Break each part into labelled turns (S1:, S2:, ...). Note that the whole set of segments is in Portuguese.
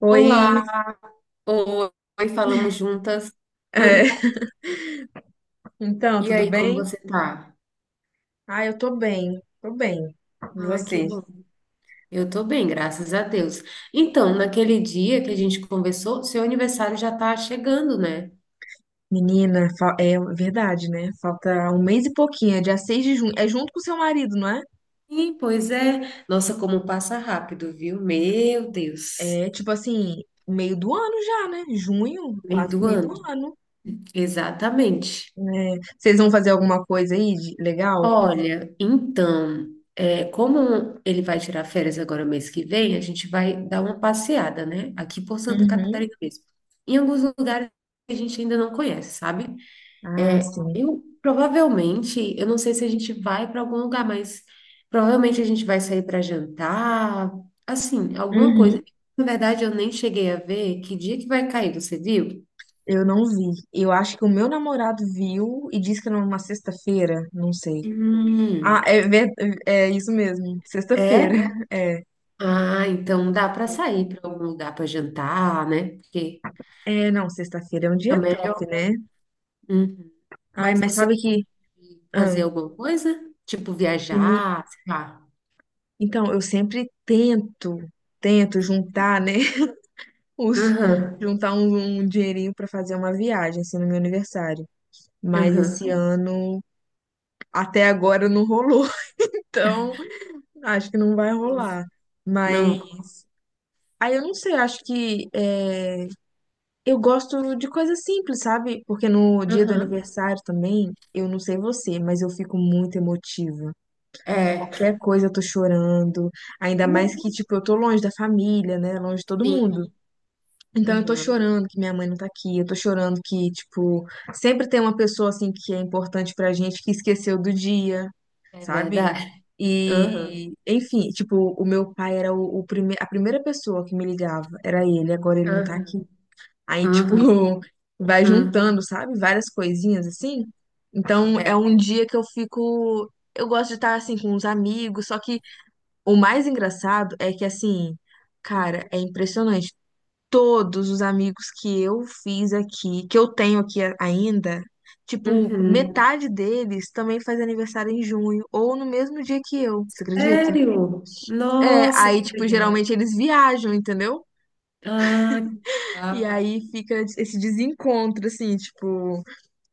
S1: Oi,
S2: Olá, oi, falamos juntas.
S1: é, então,
S2: E
S1: tudo
S2: aí, como
S1: bem?
S2: você tá?
S1: Ah, eu tô bem, tô bem. E
S2: Ah, que
S1: você?
S2: bom. Eu tô bem, graças a Deus. Então, naquele dia que a gente conversou, seu aniversário já tá chegando, né?
S1: Menina, é verdade, né? Falta um mês e pouquinho, é dia 6 de junho. É junto com seu marido, não é?
S2: Sim, pois é. Nossa, como passa rápido, viu? Meu Deus.
S1: É tipo assim, meio do ano já, né? Junho,
S2: Meio
S1: quase que
S2: do
S1: meio do
S2: ano.
S1: ano.
S2: Exatamente.
S1: É, vocês vão fazer alguma coisa aí de legal?
S2: Olha, então, como ele vai tirar férias agora mês que vem, a gente vai dar uma passeada, né? Aqui por Santa
S1: Uhum.
S2: Catarina mesmo. Em alguns lugares que a gente ainda não conhece, sabe?
S1: Ah,
S2: É,
S1: sim.
S2: eu provavelmente, eu não sei se a gente vai para algum lugar, mas provavelmente a gente vai sair para jantar, assim, alguma
S1: Uhum.
S2: coisa. Na verdade, eu nem cheguei a ver que dia que vai cair, você viu?
S1: Eu não vi. Eu acho que o meu namorado viu e disse que era uma sexta-feira, não sei. Ah,
S2: Hum,
S1: é, é isso mesmo. Sexta-feira.
S2: é?
S1: É.
S2: Ah, então dá para
S1: Sexta.
S2: sair para algum lugar para jantar, né? Porque
S1: É, não, sexta-feira é um dia
S2: também é. Melhor.
S1: top, né?
S2: Uhum.
S1: Ai,
S2: Mas
S1: mas
S2: você
S1: sabe
S2: quer
S1: que. ah,
S2: fazer alguma coisa? Tipo
S1: meni-
S2: viajar, sei lá.
S1: então, eu sempre tento, juntar, né? Os,
S2: Aham,
S1: juntar um, um dinheirinho pra fazer uma viagem, assim, no meu aniversário. Mas esse
S2: aham.
S1: ano, até agora, não rolou. Então, acho que não vai
S2: Nossa.
S1: rolar. Mas.
S2: Não,
S1: Aí eu não sei, acho que. É, eu gosto de coisas simples, sabe? Porque no dia do
S2: aham.
S1: aniversário também, eu não sei você, mas eu fico muito emotiva.
S2: É.
S1: Qualquer coisa eu tô chorando, ainda mais
S2: Uhum.
S1: que, tipo, eu tô longe da família, né? Longe de todo
S2: Sim,
S1: mundo. Então eu tô
S2: aham.
S1: chorando que minha mãe não tá aqui, eu tô chorando que, tipo, sempre tem uma pessoa, assim, que é importante pra gente que esqueceu do dia,
S2: É
S1: sabe?
S2: verdade. Aham,
S1: E, enfim, tipo, o meu pai era a primeira pessoa que me ligava, era ele, agora ele não tá
S2: aham,
S1: aqui. Aí, tipo,
S2: aham,
S1: vai
S2: aham.
S1: juntando, sabe? Várias coisinhas assim. Então, é
S2: É.
S1: um dia que eu fico. Eu gosto de estar assim com os amigos, só que o mais engraçado é que, assim,
S2: Uhum.
S1: cara, é impressionante. Todos os amigos que eu fiz aqui, que eu tenho aqui ainda, tipo,
S2: Uhum.
S1: metade deles também faz aniversário em junho, ou no mesmo dia que eu, você acredita?
S2: Sério?
S1: É,
S2: Nossa,
S1: aí,
S2: que
S1: tipo, geralmente
S2: legal.
S1: eles viajam, entendeu?
S2: Ah, que
S1: E
S2: legal.
S1: aí fica esse desencontro, assim, tipo.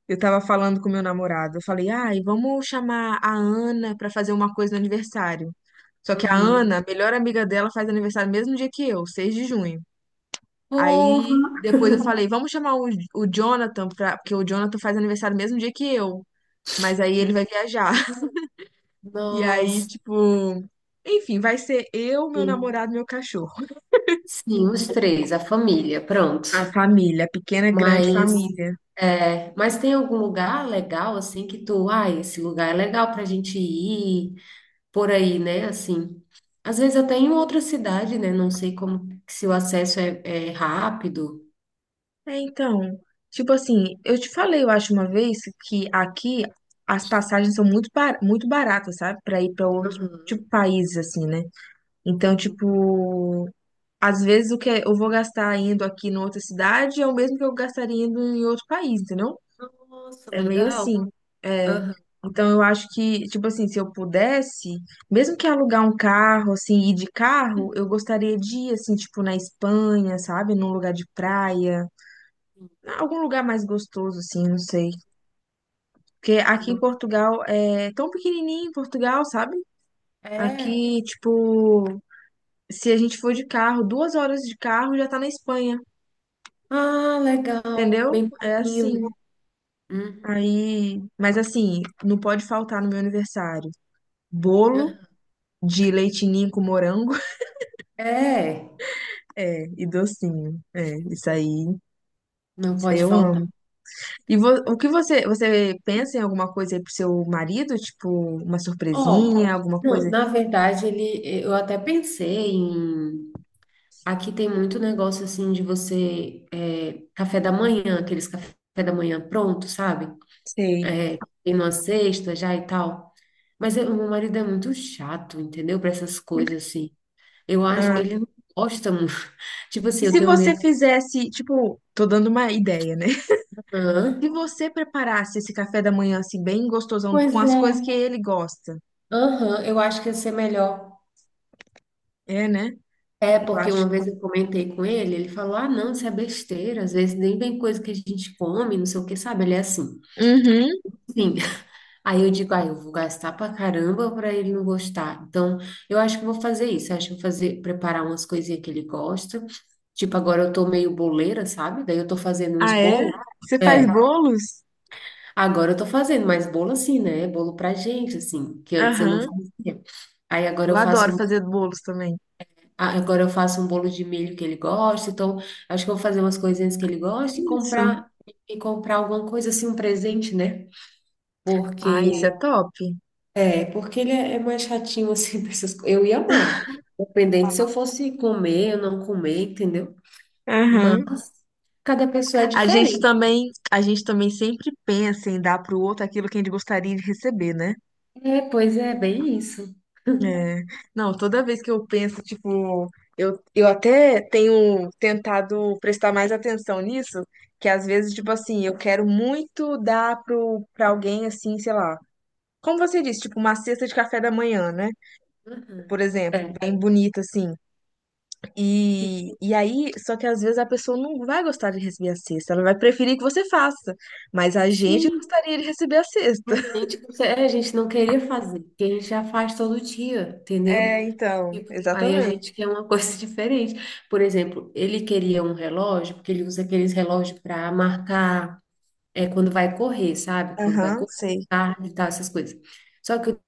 S1: Eu tava falando com meu namorado. Eu falei, ai, vamos chamar a Ana pra fazer uma coisa no aniversário. Só que a
S2: Aham.
S1: Ana, a melhor amiga dela, faz aniversário no mesmo dia que eu, 6 de junho. Aí
S2: Porra.
S1: depois eu falei, o Jonathan, pra, porque o Jonathan faz aniversário no mesmo dia que eu. Mas aí ele vai viajar. E aí,
S2: Nossa.
S1: tipo, enfim, vai ser eu, meu namorado, meu cachorro.
S2: Sim, os três, a família, pronto.
S1: A família, a pequena, grande
S2: Mas,
S1: família.
S2: é, mas tem algum lugar legal, assim, que tu, ah, esse lugar é legal pra gente ir, por aí, né, assim. Às vezes até em outra cidade, né, não sei como, se o acesso é, é rápido.
S1: É, então, tipo assim, eu te falei, eu acho uma vez que aqui as passagens são muito baratas, sabe? Pra ir pra outro
S2: Aham,
S1: tipo país assim, né? Então,
S2: sim.
S1: tipo, às vezes o que é, eu vou gastar indo aqui em outra cidade é o mesmo que eu gastaria indo em outro país, entendeu?
S2: Nossa,
S1: É meio
S2: legal.
S1: assim. É.
S2: Aham.
S1: Então, eu acho que, tipo assim, se eu pudesse, mesmo que alugar um carro, assim, ir de carro, eu gostaria de ir, assim, tipo, na Espanha, sabe? Num lugar de praia.
S2: Sim.
S1: Algum lugar mais gostoso, assim, não sei. Porque
S2: Ai,
S1: aqui em
S2: não.
S1: Portugal é tão pequenininho em Portugal, sabe?
S2: É.
S1: Aqui, tipo, se a gente for de carro, 2 horas de carro já tá na Espanha,
S2: Ah, legal.
S1: entendeu?
S2: Bem
S1: É
S2: pouquinho,
S1: assim.
S2: né? Uhum.
S1: Aí, mas assim, não pode faltar no meu aniversário. Bolo de leite ninho com morango.
S2: É.
S1: É, e docinho. É,
S2: Não
S1: isso aí
S2: pode
S1: eu
S2: faltar.
S1: amo. E o que você, você pensa em alguma coisa aí pro seu marido? Tipo, uma
S2: Ó,
S1: surpresinha, alguma
S2: não,
S1: coisa?
S2: na verdade, ele, eu até pensei em. Aqui tem muito negócio assim de você. É, café da manhã, aqueles café da manhã pronto, sabe?
S1: Sei.
S2: É, tem uma cesta já e tal. Mas meu marido é muito chato, entendeu? Para essas coisas assim. Eu acho.
S1: Ah,
S2: Ele não gosta muito. Tipo
S1: e
S2: assim, eu
S1: se
S2: tenho
S1: você
S2: medo.
S1: fizesse, tipo, tô dando uma ideia, né? Se
S2: Aham.
S1: você preparasse esse café da manhã, assim, bem gostosão,
S2: Pois
S1: com as
S2: é.
S1: coisas que ele gosta.
S2: Aham, eu acho que ia ser melhor.
S1: É, né?
S2: É,
S1: Eu
S2: porque uma
S1: acho.
S2: vez eu comentei com ele, ele falou: ah, não, isso é besteira, às vezes nem vem coisa que a gente come, não sei o que, sabe? Ele é assim.
S1: Uhum.
S2: Sim. Aí eu digo: ah, eu vou gastar pra caramba pra ele não gostar. Então, eu acho que eu vou fazer, preparar umas coisinhas que ele gosta. Tipo, agora eu tô meio boleira, sabe? Daí eu tô fazendo uns
S1: Ah, é?
S2: bolos.
S1: Você faz
S2: É,
S1: bolos?
S2: agora eu tô fazendo, mais bolo assim, né? Bolo pra gente, assim, que antes eu não
S1: Aham.
S2: fazia. Aí agora
S1: Eu
S2: eu faço
S1: adoro
S2: um
S1: fazer bolos também.
S2: Ah, agora eu faço um bolo de milho que ele gosta, então acho que eu vou fazer umas coisinhas que ele gosta
S1: Isso.
S2: e comprar alguma coisa assim, um presente, né?
S1: Ah, isso é
S2: Porque
S1: top.
S2: é, porque ele é mais chatinho assim pra essas coisas. Eu ia amar, dependente se eu fosse comer ou não comer, entendeu? Mas
S1: Aham.
S2: cada pessoa é diferente.
S1: A gente também sempre pensa em dar pro outro aquilo que a gente gostaria de receber, né?
S2: É, pois é, bem isso.
S1: É, não, toda vez que eu penso, tipo, eu até tenho tentado prestar mais atenção nisso, que às vezes, tipo assim, eu quero muito dar pra alguém, assim, sei lá, como você disse, tipo, uma cesta de café da manhã, né?
S2: Uhum.
S1: Por exemplo,
S2: É.
S1: bem bonita, assim. E aí, só que às vezes a pessoa não vai gostar de receber a cesta, ela vai preferir que você faça, mas a gente
S2: Sim,
S1: gostaria de receber a cesta.
S2: a gente não queria fazer, porque a gente já faz todo dia, entendeu?
S1: É, então,
S2: Tipo, aí a
S1: exatamente.
S2: gente quer uma coisa diferente. Por exemplo, ele queria um relógio, porque ele usa aqueles relógios para marcar é, quando vai correr, sabe? Quando vai
S1: Aham,
S2: correr,
S1: sei.
S2: tarde e tal, essas coisas. Só que o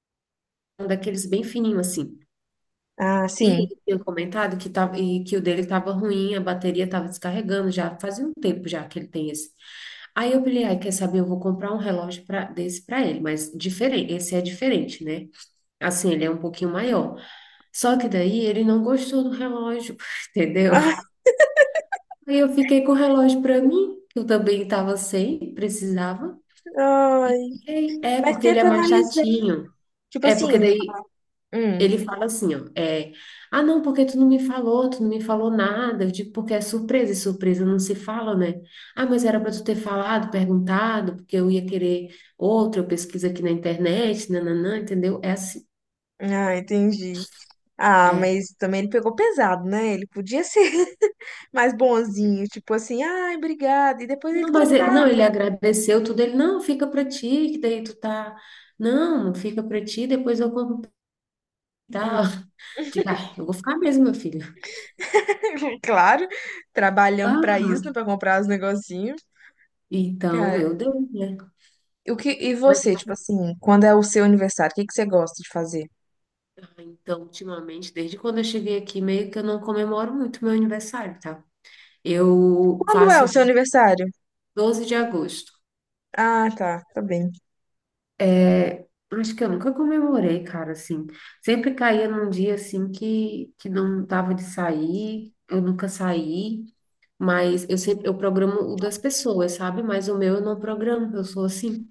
S2: um daqueles bem fininho assim.
S1: Ah,
S2: E
S1: sim.
S2: ele tinha comentado que, tava, e que o dele estava ruim, a bateria estava descarregando já, fazia um tempo já que ele tem esse. Aí eu falei, ai, quer saber? Eu vou comprar um relógio pra, desse para ele, mas diferente, esse é diferente, né? Assim, ele é um pouquinho maior. Só que daí ele não gostou do relógio, entendeu? Aí eu fiquei com o relógio para mim, que eu também estava sem, precisava.
S1: Ah,
S2: E
S1: ai.
S2: fiquei, é,
S1: Mas
S2: porque ele é
S1: tenta
S2: mais
S1: analisar.
S2: chatinho.
S1: Tipo
S2: É,
S1: assim,
S2: porque daí
S1: hum,
S2: ele fala assim, ó, é, ah, não, porque tu não me falou nada. Eu digo, porque é surpresa, e surpresa não se fala, né? Ah, mas era para tu ter falado, perguntado, porque eu ia querer outro, eu pesquiso aqui na internet, nananã, entendeu? É assim,
S1: ah, entendi. Ah,
S2: é.
S1: mas também ele pegou pesado, né? Ele podia ser mais bonzinho, tipo assim, ai, obrigado. E depois ele
S2: Não, mas ele, não, ele
S1: trocava.
S2: agradeceu tudo. Ele, não, fica pra ti, que daí tu tá. Não, fica pra ti, depois eu compro e
S1: Hum.
S2: tal. Diga, ai, eu vou ficar mesmo, meu filho.
S1: Claro, trabalhamos pra isso, né?
S2: Aham.
S1: Pra comprar os negocinhos.
S2: Então,
S1: Cara,
S2: meu Deus, né?
S1: e
S2: Mas
S1: você, tipo
S2: assim,
S1: assim, quando é o seu aniversário, o que que você gosta de fazer?
S2: ah, então, ultimamente, desde quando eu cheguei aqui, meio que eu não comemoro muito meu aniversário, tá? Eu
S1: Quando é o
S2: faço
S1: seu
S2: dia
S1: aniversário?
S2: 12 de agosto.
S1: Ah, tá, tá bem.
S2: É, acho que eu nunca comemorei, cara, assim. Sempre caía num dia assim que não tava de sair, eu nunca saí. Mas eu sempre, eu programo o das pessoas, sabe? Mas o meu eu não programo, eu sou assim.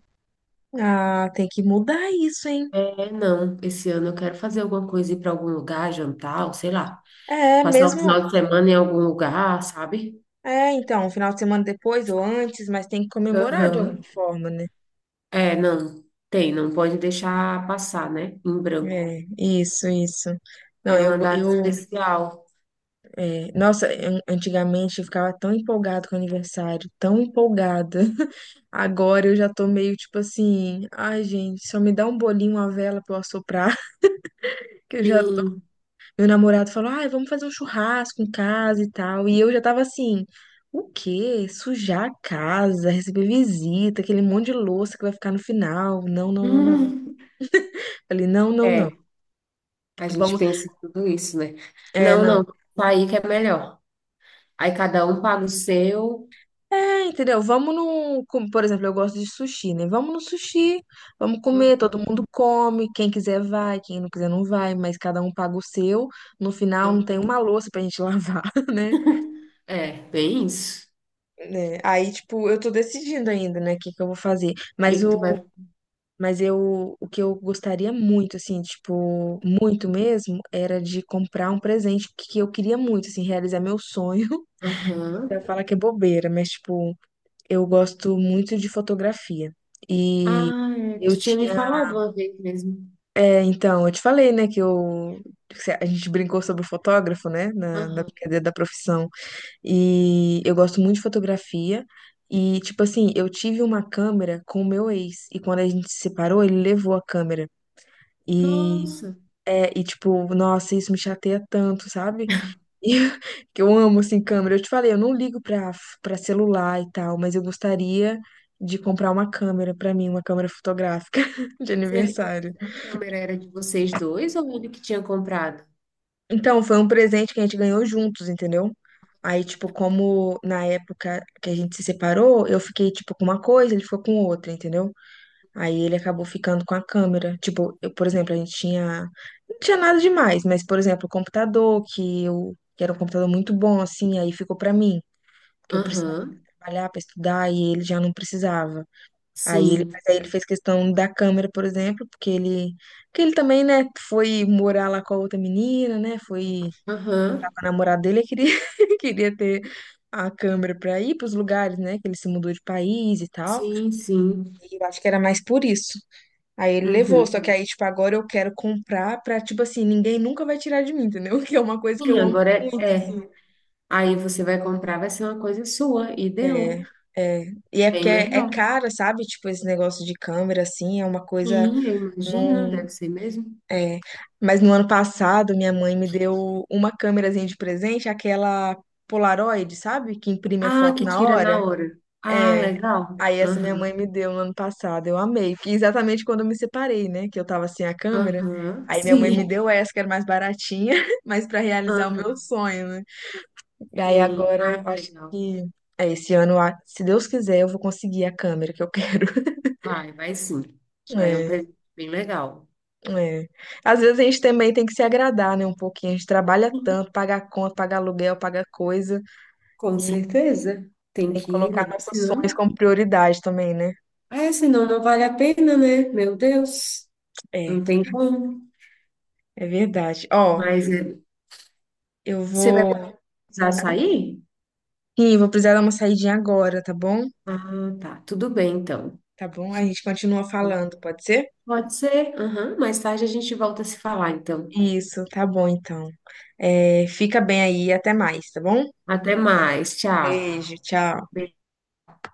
S1: Ah, tem que mudar isso, hein?
S2: É, não, esse ano eu quero fazer alguma coisa, ir para algum lugar, jantar, ou sei lá,
S1: É,
S2: passar o
S1: mesmo,
S2: final de semana em algum lugar, sabe?
S1: é, então, um final de semana depois ou antes, mas tem que comemorar de alguma
S2: Aham.
S1: forma, né?
S2: É, não, tem, não pode deixar passar, né? Em branco.
S1: É, isso, isso. Não,
S2: É uma data
S1: eu,
S2: especial.
S1: é, nossa, antigamente eu ficava tão empolgado com o aniversário, tão empolgada. Agora eu já tô meio tipo assim, ai, gente, só me dá um bolinho, uma vela pra eu assoprar, que eu já tô.
S2: Sim.
S1: Meu namorado falou, ai, vamos fazer um churrasco em casa e tal. E eu já tava assim, o quê? Sujar a casa, receber visita, aquele monte de louça que vai ficar no final. Não, não, não, não.
S2: Hum,
S1: Ele, não, não, não.
S2: é, a gente
S1: Vamos.
S2: pensa em tudo isso, né?
S1: É,
S2: Não,
S1: não.
S2: não, tá aí que é melhor. Aí cada um paga o seu.
S1: É, entendeu? Vamos no. com- Por exemplo, eu gosto de sushi, né? Vamos no sushi, vamos comer,
S2: Hum,
S1: todo mundo come. Quem quiser vai, quem não quiser não vai, mas cada um paga o seu. No final não
S2: não.
S1: tem uma louça pra gente lavar, né?
S2: É, bem isso.
S1: Né? Aí, tipo, eu tô decidindo ainda, né, o que que eu vou fazer.
S2: O que
S1: Mas
S2: que tu vai
S1: o, mas eu, o que eu gostaria muito, assim, tipo, muito mesmo, era de comprar um presente que eu queria muito, assim, realizar meu sonho. Pra
S2: Aham.
S1: falar que é bobeira, mas, tipo, eu gosto muito de fotografia. E
S2: Ah, é,
S1: eu
S2: tu tinha me
S1: tinha.
S2: falado uma vez mesmo.
S1: É, então, eu te falei, né, que eu. Que a gente brincou sobre o fotógrafo, né, na
S2: Aham.
S1: brincadeira da profissão. E eu gosto muito de fotografia. E, tipo assim, eu tive uma câmera com o meu ex. E quando a gente se separou, ele levou a câmera. E.
S2: Nossa,
S1: É, e tipo, nossa, isso me chateia tanto, sabe? E que eu amo assim câmera. Eu te falei, eu não ligo pra para celular e tal, mas eu gostaria de comprar uma câmera pra mim, uma câmera fotográfica de
S2: mas ele,
S1: aniversário.
S2: mas a câmera era de vocês dois ou ele que tinha comprado?
S1: Então, foi um presente que a gente ganhou juntos, entendeu? Aí, tipo, como na época que a gente se separou, eu fiquei, tipo, com uma coisa, ele ficou com outra, entendeu? Aí ele acabou ficando com a câmera. Tipo, eu, por exemplo, a gente tinha. Não tinha nada demais, mas, por exemplo, o computador, que eu. Que era um computador muito bom, assim, aí ficou pra mim. Que eu precisava
S2: Aham.
S1: trabalhar para estudar e ele já não precisava.
S2: Sim.
S1: Mas aí ele fez questão da câmera, por exemplo, porque ele também, né, foi morar lá com a outra menina, né, foi com
S2: Aham.
S1: a namorada dele, ele queria, queria ter a câmera para ir para os lugares, né, que ele se mudou de país e tal.
S2: Sim, sim.
S1: E eu acho que era mais por isso. Aí ele levou,
S2: Uhum.
S1: só que aí, tipo, agora eu quero comprar pra, tipo assim, ninguém nunca vai tirar de mim, entendeu? Que é uma coisa que
S2: Sim,
S1: eu amo
S2: agora é,
S1: muito,
S2: é.
S1: assim.
S2: Aí você vai comprar, vai ser uma coisa sua e deu.
S1: É, é. E é
S2: Bem
S1: porque é
S2: melhor.
S1: caro, sabe? Tipo, esse negócio de câmera, assim, é uma coisa.
S2: Sim, eu imagino,
S1: Não,
S2: deve ser mesmo.
S1: é. Mas no ano passado, minha mãe me deu uma câmerazinha de presente, aquela Polaroid, sabe? Que imprime a
S2: Ah,
S1: foto
S2: que
S1: na
S2: tira na
S1: hora.
S2: hora. Ah,
S1: É.
S2: legal.
S1: Aí essa minha
S2: Aham.
S1: mãe me deu no ano passado. Eu amei. Que exatamente quando eu me separei, né? Que eu tava sem a câmera.
S2: Aham.
S1: Aí minha mãe me
S2: Sim.
S1: deu essa, que era mais baratinha, mas pra realizar o meu
S2: Aham.
S1: sonho, né? E aí
S2: Sim. Ai,
S1: agora
S2: que
S1: eu acho
S2: legal.
S1: que é esse ano, se Deus quiser, eu vou conseguir a câmera que eu quero.
S2: Vai, vai sim. Já é um
S1: É,
S2: presente bem legal.
S1: é. Às vezes a gente também tem que se agradar, né, um pouquinho. A gente trabalha tanto, paga a conta, paga aluguel, paga coisa
S2: Com
S1: e
S2: certeza. Tem
S1: tem que
S2: que ir, né?
S1: colocar nossos sonhos
S2: Senão,
S1: como prioridade também, né?
S2: é, senão não vale a pena, né? Meu Deus,
S1: É,
S2: não tem como.
S1: é verdade. Ó,
S2: Mas é,
S1: eu
S2: você vai
S1: vou,
S2: precisar sair?
S1: sim, vou precisar dar uma saidinha agora, tá bom?
S2: Ah, tá. Tudo bem, então.
S1: Tá bom? A gente continua falando, pode ser?
S2: Pode ser. Aham, mais tarde a gente volta a se falar, então.
S1: Isso, tá bom então. É, fica bem aí, até mais, tá bom?
S2: Até mais. Tchau.
S1: Beijo, tchau.